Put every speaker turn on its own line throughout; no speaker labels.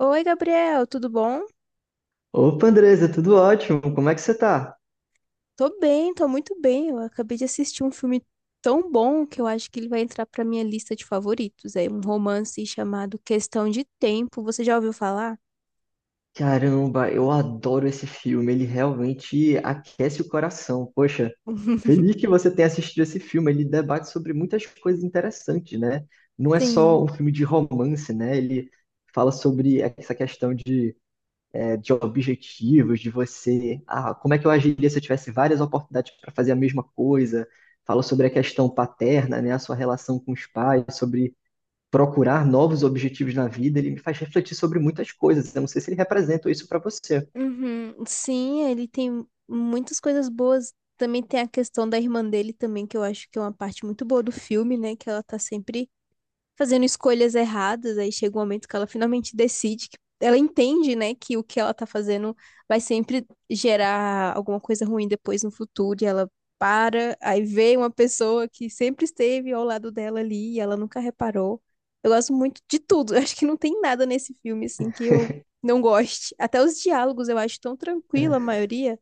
Oi, Gabriel, tudo bom?
Opa, Andresa, tudo ótimo? Como é que você tá?
Tô muito bem. Eu acabei de assistir um filme tão bom que eu acho que ele vai entrar pra minha lista de favoritos. É um romance chamado Questão de Tempo. Você já ouviu falar?
Caramba, eu adoro esse filme, ele realmente aquece o coração. Poxa, feliz que você tenha assistido esse filme, ele debate sobre muitas coisas interessantes, né? Não é só
Sim.
um filme de romance, né? Ele fala sobre essa questão de, de objetivos, de você, como é que eu agiria se eu tivesse várias oportunidades para fazer a mesma coisa? Fala sobre a questão paterna, né? A sua relação com os pais, sobre procurar novos objetivos na vida, ele me faz refletir sobre muitas coisas. Eu não sei se ele representa isso para você.
Uhum. Sim, ele tem muitas coisas boas. Também tem a questão da irmã dele também, que eu acho que é uma parte muito boa do filme, né? Que ela tá sempre fazendo escolhas erradas. Aí chega um momento que ela finalmente decide, que ela entende, né, que o que ela tá fazendo vai sempre gerar alguma coisa ruim depois no futuro. E ela para, aí vê uma pessoa que sempre esteve ao lado dela ali e ela nunca reparou. Eu gosto muito de tudo. Eu acho que não tem nada nesse filme, assim, que eu não goste. Até os diálogos eu acho tão tranquila, a
É,
maioria.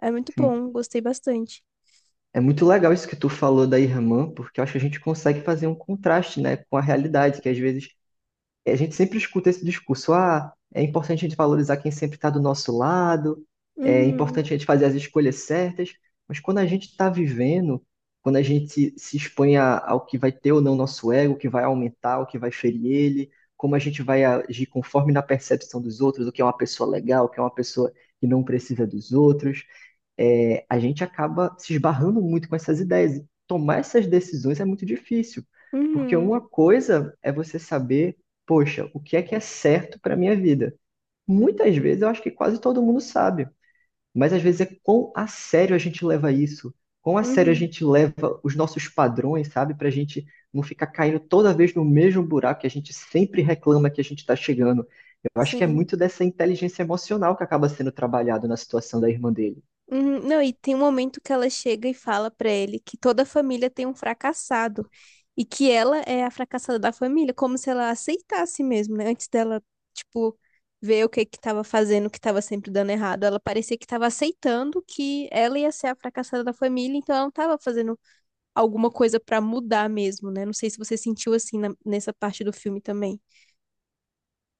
É muito
sim.
bom, gostei bastante.
É muito legal isso que tu falou da irmã, porque eu acho que a gente consegue fazer um contraste, né, com a realidade, que às vezes a gente sempre escuta esse discurso, ah, é importante a gente valorizar quem sempre está do nosso lado, é
Uhum,
importante a gente fazer as escolhas certas, mas quando a gente está vivendo, quando a gente se expõe ao que vai ter ou não nosso ego, o que vai aumentar, o que vai ferir ele, como a gente vai agir conforme na percepção dos outros, o que é uma pessoa legal, o que é uma pessoa que não precisa dos outros, a gente acaba se esbarrando muito com essas ideias. E tomar essas decisões é muito difícil, porque
uhum,
uma coisa é você saber, poxa, o que é certo para minha vida? Muitas vezes eu acho que quase todo mundo sabe, mas às vezes é quão a sério a gente leva isso, quão a sério a
uhum.
gente leva os nossos padrões, sabe, para a gente não ficar caindo toda vez no mesmo buraco que a gente sempre reclama que a gente está chegando. Eu acho que é
Sim.
muito dessa inteligência emocional que acaba sendo trabalhado na situação da irmã dele.
Uhum. Não, e tem um momento que ela chega e fala pra ele que toda a família tem um fracassado e que ela é a fracassada da família, como se ela aceitasse mesmo, né? Antes dela, tipo, ver o que que tava fazendo, o que tava sempre dando errado, ela parecia que tava aceitando que ela ia ser a fracassada da família, então ela não tava fazendo alguma coisa pra mudar mesmo, né? Não sei se você sentiu assim nessa parte do filme também.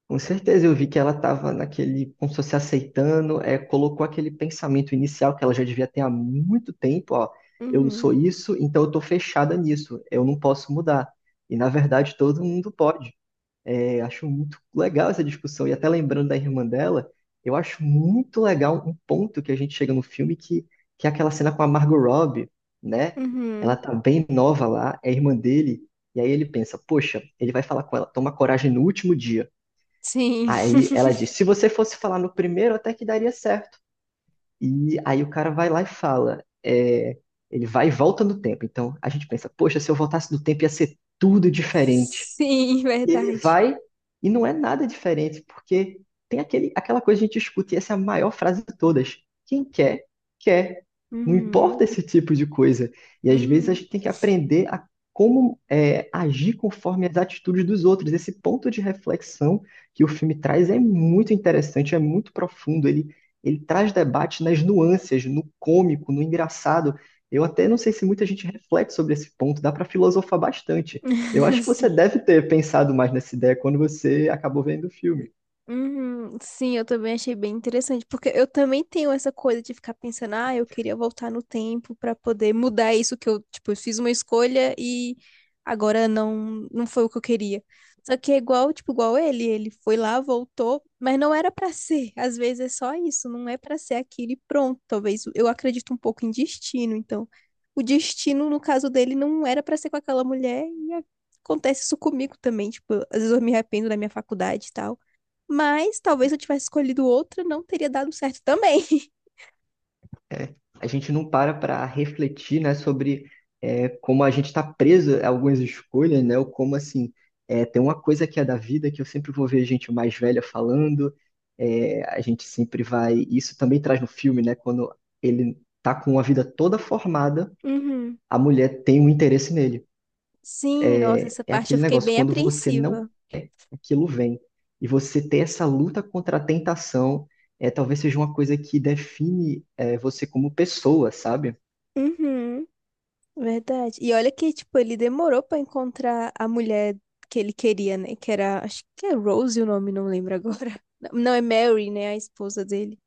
Com certeza, eu vi que ela estava naquele, como se fosse aceitando, colocou aquele pensamento inicial que ela já devia ter há muito tempo, ó, eu não sou
Uhum,
isso, então eu estou fechada nisso, eu não posso mudar. E na verdade todo mundo pode. É, acho muito legal essa discussão, e até lembrando da irmã dela, eu acho muito legal um ponto que a gente chega no filme que é aquela cena com a Margot Robbie, né? Ela
uhum.
tá bem nova lá, é irmã dele, e aí ele pensa, poxa, ele vai falar com ela, toma coragem no último dia.
Sim,
Aí ela diz: se você fosse falar no primeiro, até que daria certo. E aí o cara vai lá e fala: é, ele vai e volta no tempo. Então a gente pensa: poxa, se eu voltasse no tempo ia ser tudo diferente.
sim,
E ele
verdade.
vai e não é nada diferente, porque tem aquela coisa que a gente escuta, e essa é a maior frase de todas. Quem quer, quer. Não
Uhum,
importa esse tipo de coisa. E às vezes a
uhum.
gente tem que aprender a como é, agir conforme as atitudes dos outros. Esse ponto de reflexão que o filme traz é muito interessante, é muito profundo. Ele traz debate nas nuances, no cômico, no engraçado. Eu até não sei se muita gente reflete sobre esse ponto, dá para filosofar bastante. Eu acho que você
Sim.
deve ter pensado mais nessa ideia quando você acabou vendo o filme.
Uhum, sim, eu também achei bem interessante, porque eu também tenho essa coisa de ficar pensando, ah, eu queria voltar no tempo pra poder mudar isso que eu, tipo, eu fiz uma escolha e agora não foi o que eu queria. Só que é igual, tipo, igual ele, foi lá, voltou, mas não era pra ser. Às vezes é só isso, não é pra ser aquilo e pronto. Talvez eu acredito um pouco em destino, então o destino no caso dele não era pra ser com aquela mulher e acontece isso comigo também, tipo, às vezes eu me arrependo da minha faculdade e tal. Mas talvez se eu tivesse escolhido outra, não teria dado certo também.
A gente não para para refletir, né, sobre como a gente está preso a algumas escolhas, né, ou como assim tem uma coisa que é da vida que eu sempre vou ver gente mais velha falando. É, a gente sempre vai. Isso também traz no filme, né, quando ele tá com a vida toda formada,
Uhum.
a mulher tem um interesse nele.
Sim, nossa, essa
É
parte eu
aquele
fiquei
negócio,
bem
quando você não
apreensiva.
quer, aquilo vem. E você ter essa luta contra a tentação talvez seja uma coisa que define você como pessoa, sabe?
Uhum. Verdade. E olha que, tipo, ele demorou pra encontrar a mulher que ele queria, né? Que era, acho que é Rose o nome, não lembro agora. Não, é Mary, né? A esposa dele.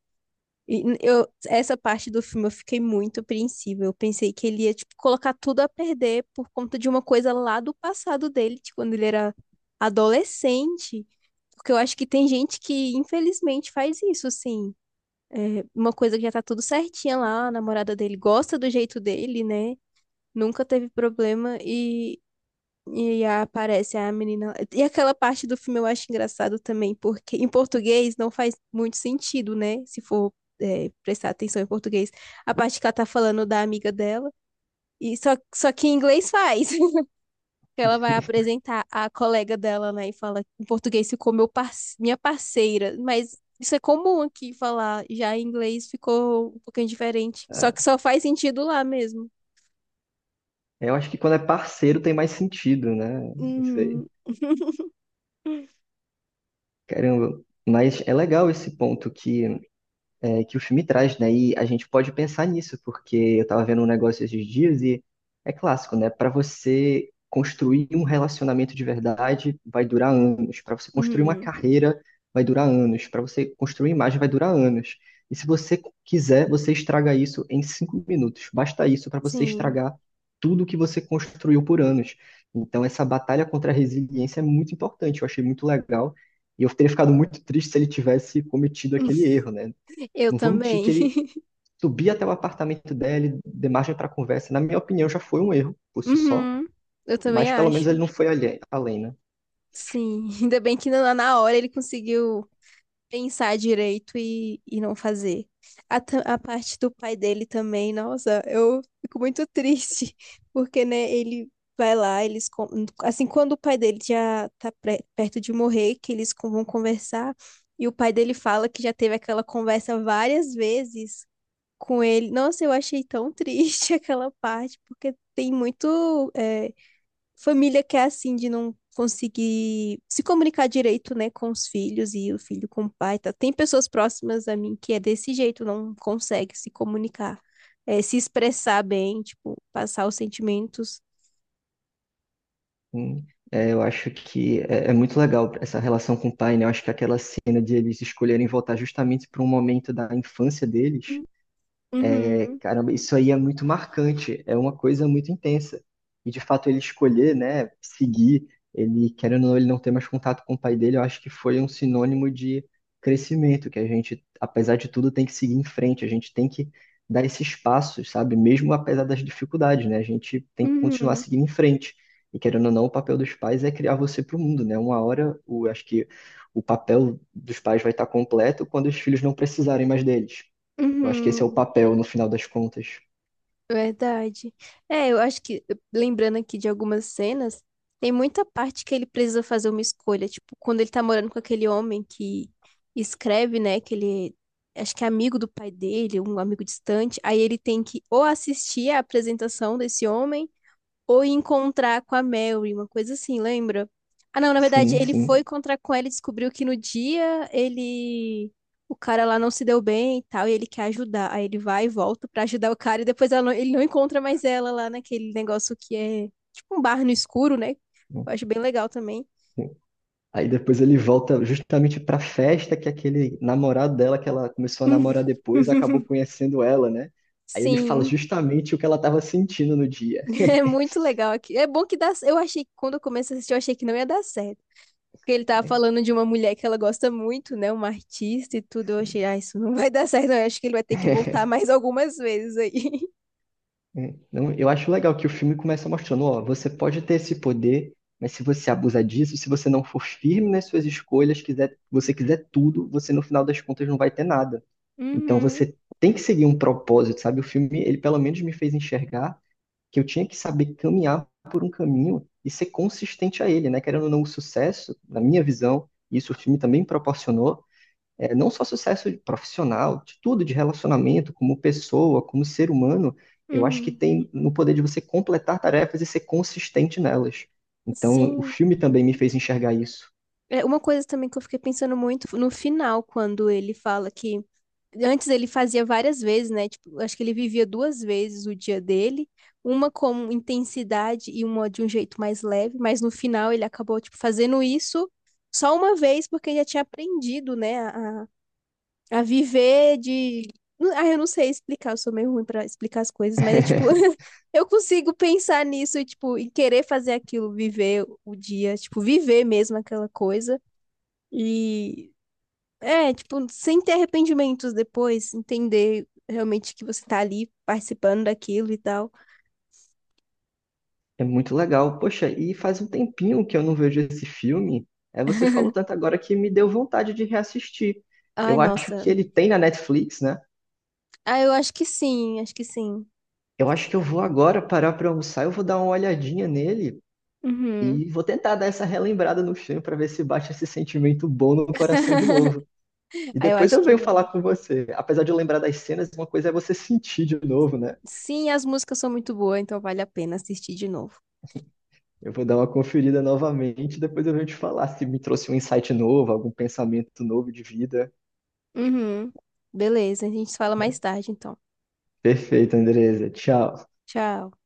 E eu, essa parte do filme eu fiquei muito apreensiva. Eu pensei que ele ia, tipo, colocar tudo a perder por conta de uma coisa lá do passado dele, de quando ele era adolescente. Porque eu acho que tem gente que, infelizmente, faz isso, assim. É, uma coisa que já tá tudo certinha lá, a namorada dele gosta do jeito dele, né? Nunca teve problema e aparece a menina. E aquela parte do filme eu acho engraçado também, porque em português não faz muito sentido, né? Se for, é, prestar atenção em português. A parte que ela tá falando da amiga dela. E só que em inglês faz. Ela vai apresentar a colega dela, né? E fala em português ficou meu par... minha parceira. Mas isso é comum aqui falar. Já em inglês ficou um pouquinho diferente. Só
Ah,
que só faz sentido lá mesmo.
eu acho que quando é parceiro tem mais sentido, né? Não sei.
Uhum.
Caramba. Mas é legal esse ponto que o filme traz, né? E a gente pode pensar nisso, porque eu tava vendo um negócio esses dias e é clássico, né? Para você construir um relacionamento de verdade vai durar anos, para você construir uma
Uhum.
carreira vai durar anos, para você construir imagem vai durar anos. E se você quiser, você estraga isso em 5 minutos. Basta isso para você
Sim.
estragar tudo que você construiu por anos. Então, essa batalha contra a resiliência é muito importante. Eu achei muito legal. E eu teria ficado muito triste se ele tivesse cometido aquele erro, né?
Eu
Não vou mentir que
também.
ele subir até o apartamento dela, de margem para conversa, na minha opinião, já foi um erro por si só,
Uhum, eu
mas
também
pelo menos
acho.
ele não foi além, né?
Sim, ainda bem que na hora ele conseguiu pensar direito e não fazer. A, a parte do pai dele também, nossa, eu fico muito triste, porque, né, ele vai lá, eles, assim, quando o pai dele já tá perto de morrer, que eles vão conversar, e o pai dele fala que já teve aquela conversa várias vezes com ele. Nossa, eu achei tão triste aquela parte, porque tem muito. Família que é assim, de não conseguir se comunicar direito, né, com os filhos e o filho com o pai, tá? Tem pessoas próximas a mim que é desse jeito, não consegue se comunicar, é, se expressar bem, tipo, passar os sentimentos.
Hum, eu acho que é, é muito legal essa relação com o pai, né? Eu acho que aquela cena de eles escolherem voltar justamente para um momento da infância deles é,
Uhum,
caramba, isso aí é muito marcante, é uma coisa muito intensa. E de fato ele escolher, né, seguir, ele querendo ou não, ele não ter mais contato com o pai dele, eu acho que foi um sinônimo de crescimento, que a gente, apesar de tudo, tem que seguir em frente, a gente tem que dar esses passos, sabe? Mesmo apesar das dificuldades, né? A gente tem que continuar
uhum,
seguindo em frente. E querendo ou não, o papel dos pais é criar você para o mundo, né? Uma hora, acho que o papel dos pais vai estar completo quando os filhos não precisarem mais deles. Eu acho que esse é o
uhum.
papel no final das contas.
Verdade. É, eu acho que, lembrando aqui de algumas cenas, tem muita parte que ele precisa fazer uma escolha. Tipo, quando ele tá morando com aquele homem que escreve, né? Que ele acho que é amigo do pai dele, um amigo distante. Aí ele tem que ou assistir a apresentação desse homem. Ou encontrar com a Mary, uma coisa assim, lembra? Ah, não, na verdade,
Sim,
ele foi
sim.
encontrar com ela e descobriu que no dia ele. O cara lá não se deu bem e tal, e ele quer ajudar. Aí ele vai e volta pra ajudar o cara, e depois ela ele não encontra mais ela lá naquele negócio que é tipo um bar no escuro, né? Eu acho bem legal também.
Aí depois ele volta justamente pra festa que aquele namorado dela, que ela começou a namorar depois, acabou conhecendo ela, né? Aí ele fala
Sim,
justamente o que ela tava sentindo no dia.
é muito legal aqui. É bom que dá. Eu achei que quando eu comecei a assistir, eu achei que não ia dar certo. Porque ele tava falando de uma mulher que ela gosta muito, né? Uma artista e tudo. Eu achei, ah, isso não vai dar certo, não. Eu acho que ele vai ter que voltar mais algumas vezes aí.
É, não, eu acho legal que o filme começa mostrando, ó, você pode ter esse poder, mas se você abusar disso, se você não for firme nas suas escolhas, você quiser tudo, você no final das contas não vai ter nada. Então
Uhum,
você tem que seguir um propósito, sabe? O filme, ele pelo menos me fez enxergar que eu tinha que saber caminhar por um caminho e ser consistente a ele, né? Querendo ou não, o sucesso, na minha visão, e isso o filme também proporcionou, é, não só sucesso profissional, de tudo, de relacionamento, como pessoa, como ser humano, eu acho que
uhum.
tem no poder de você completar tarefas e ser consistente nelas. Então, o
Sim.
filme também me fez enxergar isso.
É, uma coisa também que eu fiquei pensando muito no final, quando ele fala que antes ele fazia várias vezes, né? Tipo, acho que ele vivia duas vezes o dia dele, uma com intensidade e uma de um jeito mais leve, mas no final ele acabou, tipo, fazendo isso só uma vez porque ele já tinha aprendido, né, a viver de. Ah, eu não sei explicar, eu sou meio ruim pra explicar as coisas, mas é tipo, eu consigo pensar nisso e, tipo, e querer fazer aquilo, viver o dia, tipo, viver mesmo aquela coisa. E é, tipo, sem ter arrependimentos depois, entender realmente que você tá ali participando daquilo e tal.
É muito legal. Poxa, e faz um tempinho que eu não vejo esse filme. É, você falou tanto agora que me deu vontade de reassistir.
Ai,
Eu acho
nossa.
que ele tem na Netflix, né?
Ah, eu acho que sim, acho que sim.
Eu acho que eu vou agora parar para almoçar, eu vou dar uma olhadinha nele
Uhum.
e vou tentar dar essa relembrada no filme para ver se bate esse sentimento bom no coração de novo. E
Ah, eu
depois
acho
eu
que
venho falar
vai.
com você. Apesar de eu lembrar das cenas, uma coisa é você sentir de novo, né?
Sim, as músicas são muito boas, então vale a pena assistir de novo.
Eu vou dar uma conferida novamente, depois eu venho te falar se me trouxe um insight novo, algum pensamento novo de vida.
Uhum. Beleza, a gente se fala mais tarde, então.
Perfeito, Andresa. Tchau.
Tchau.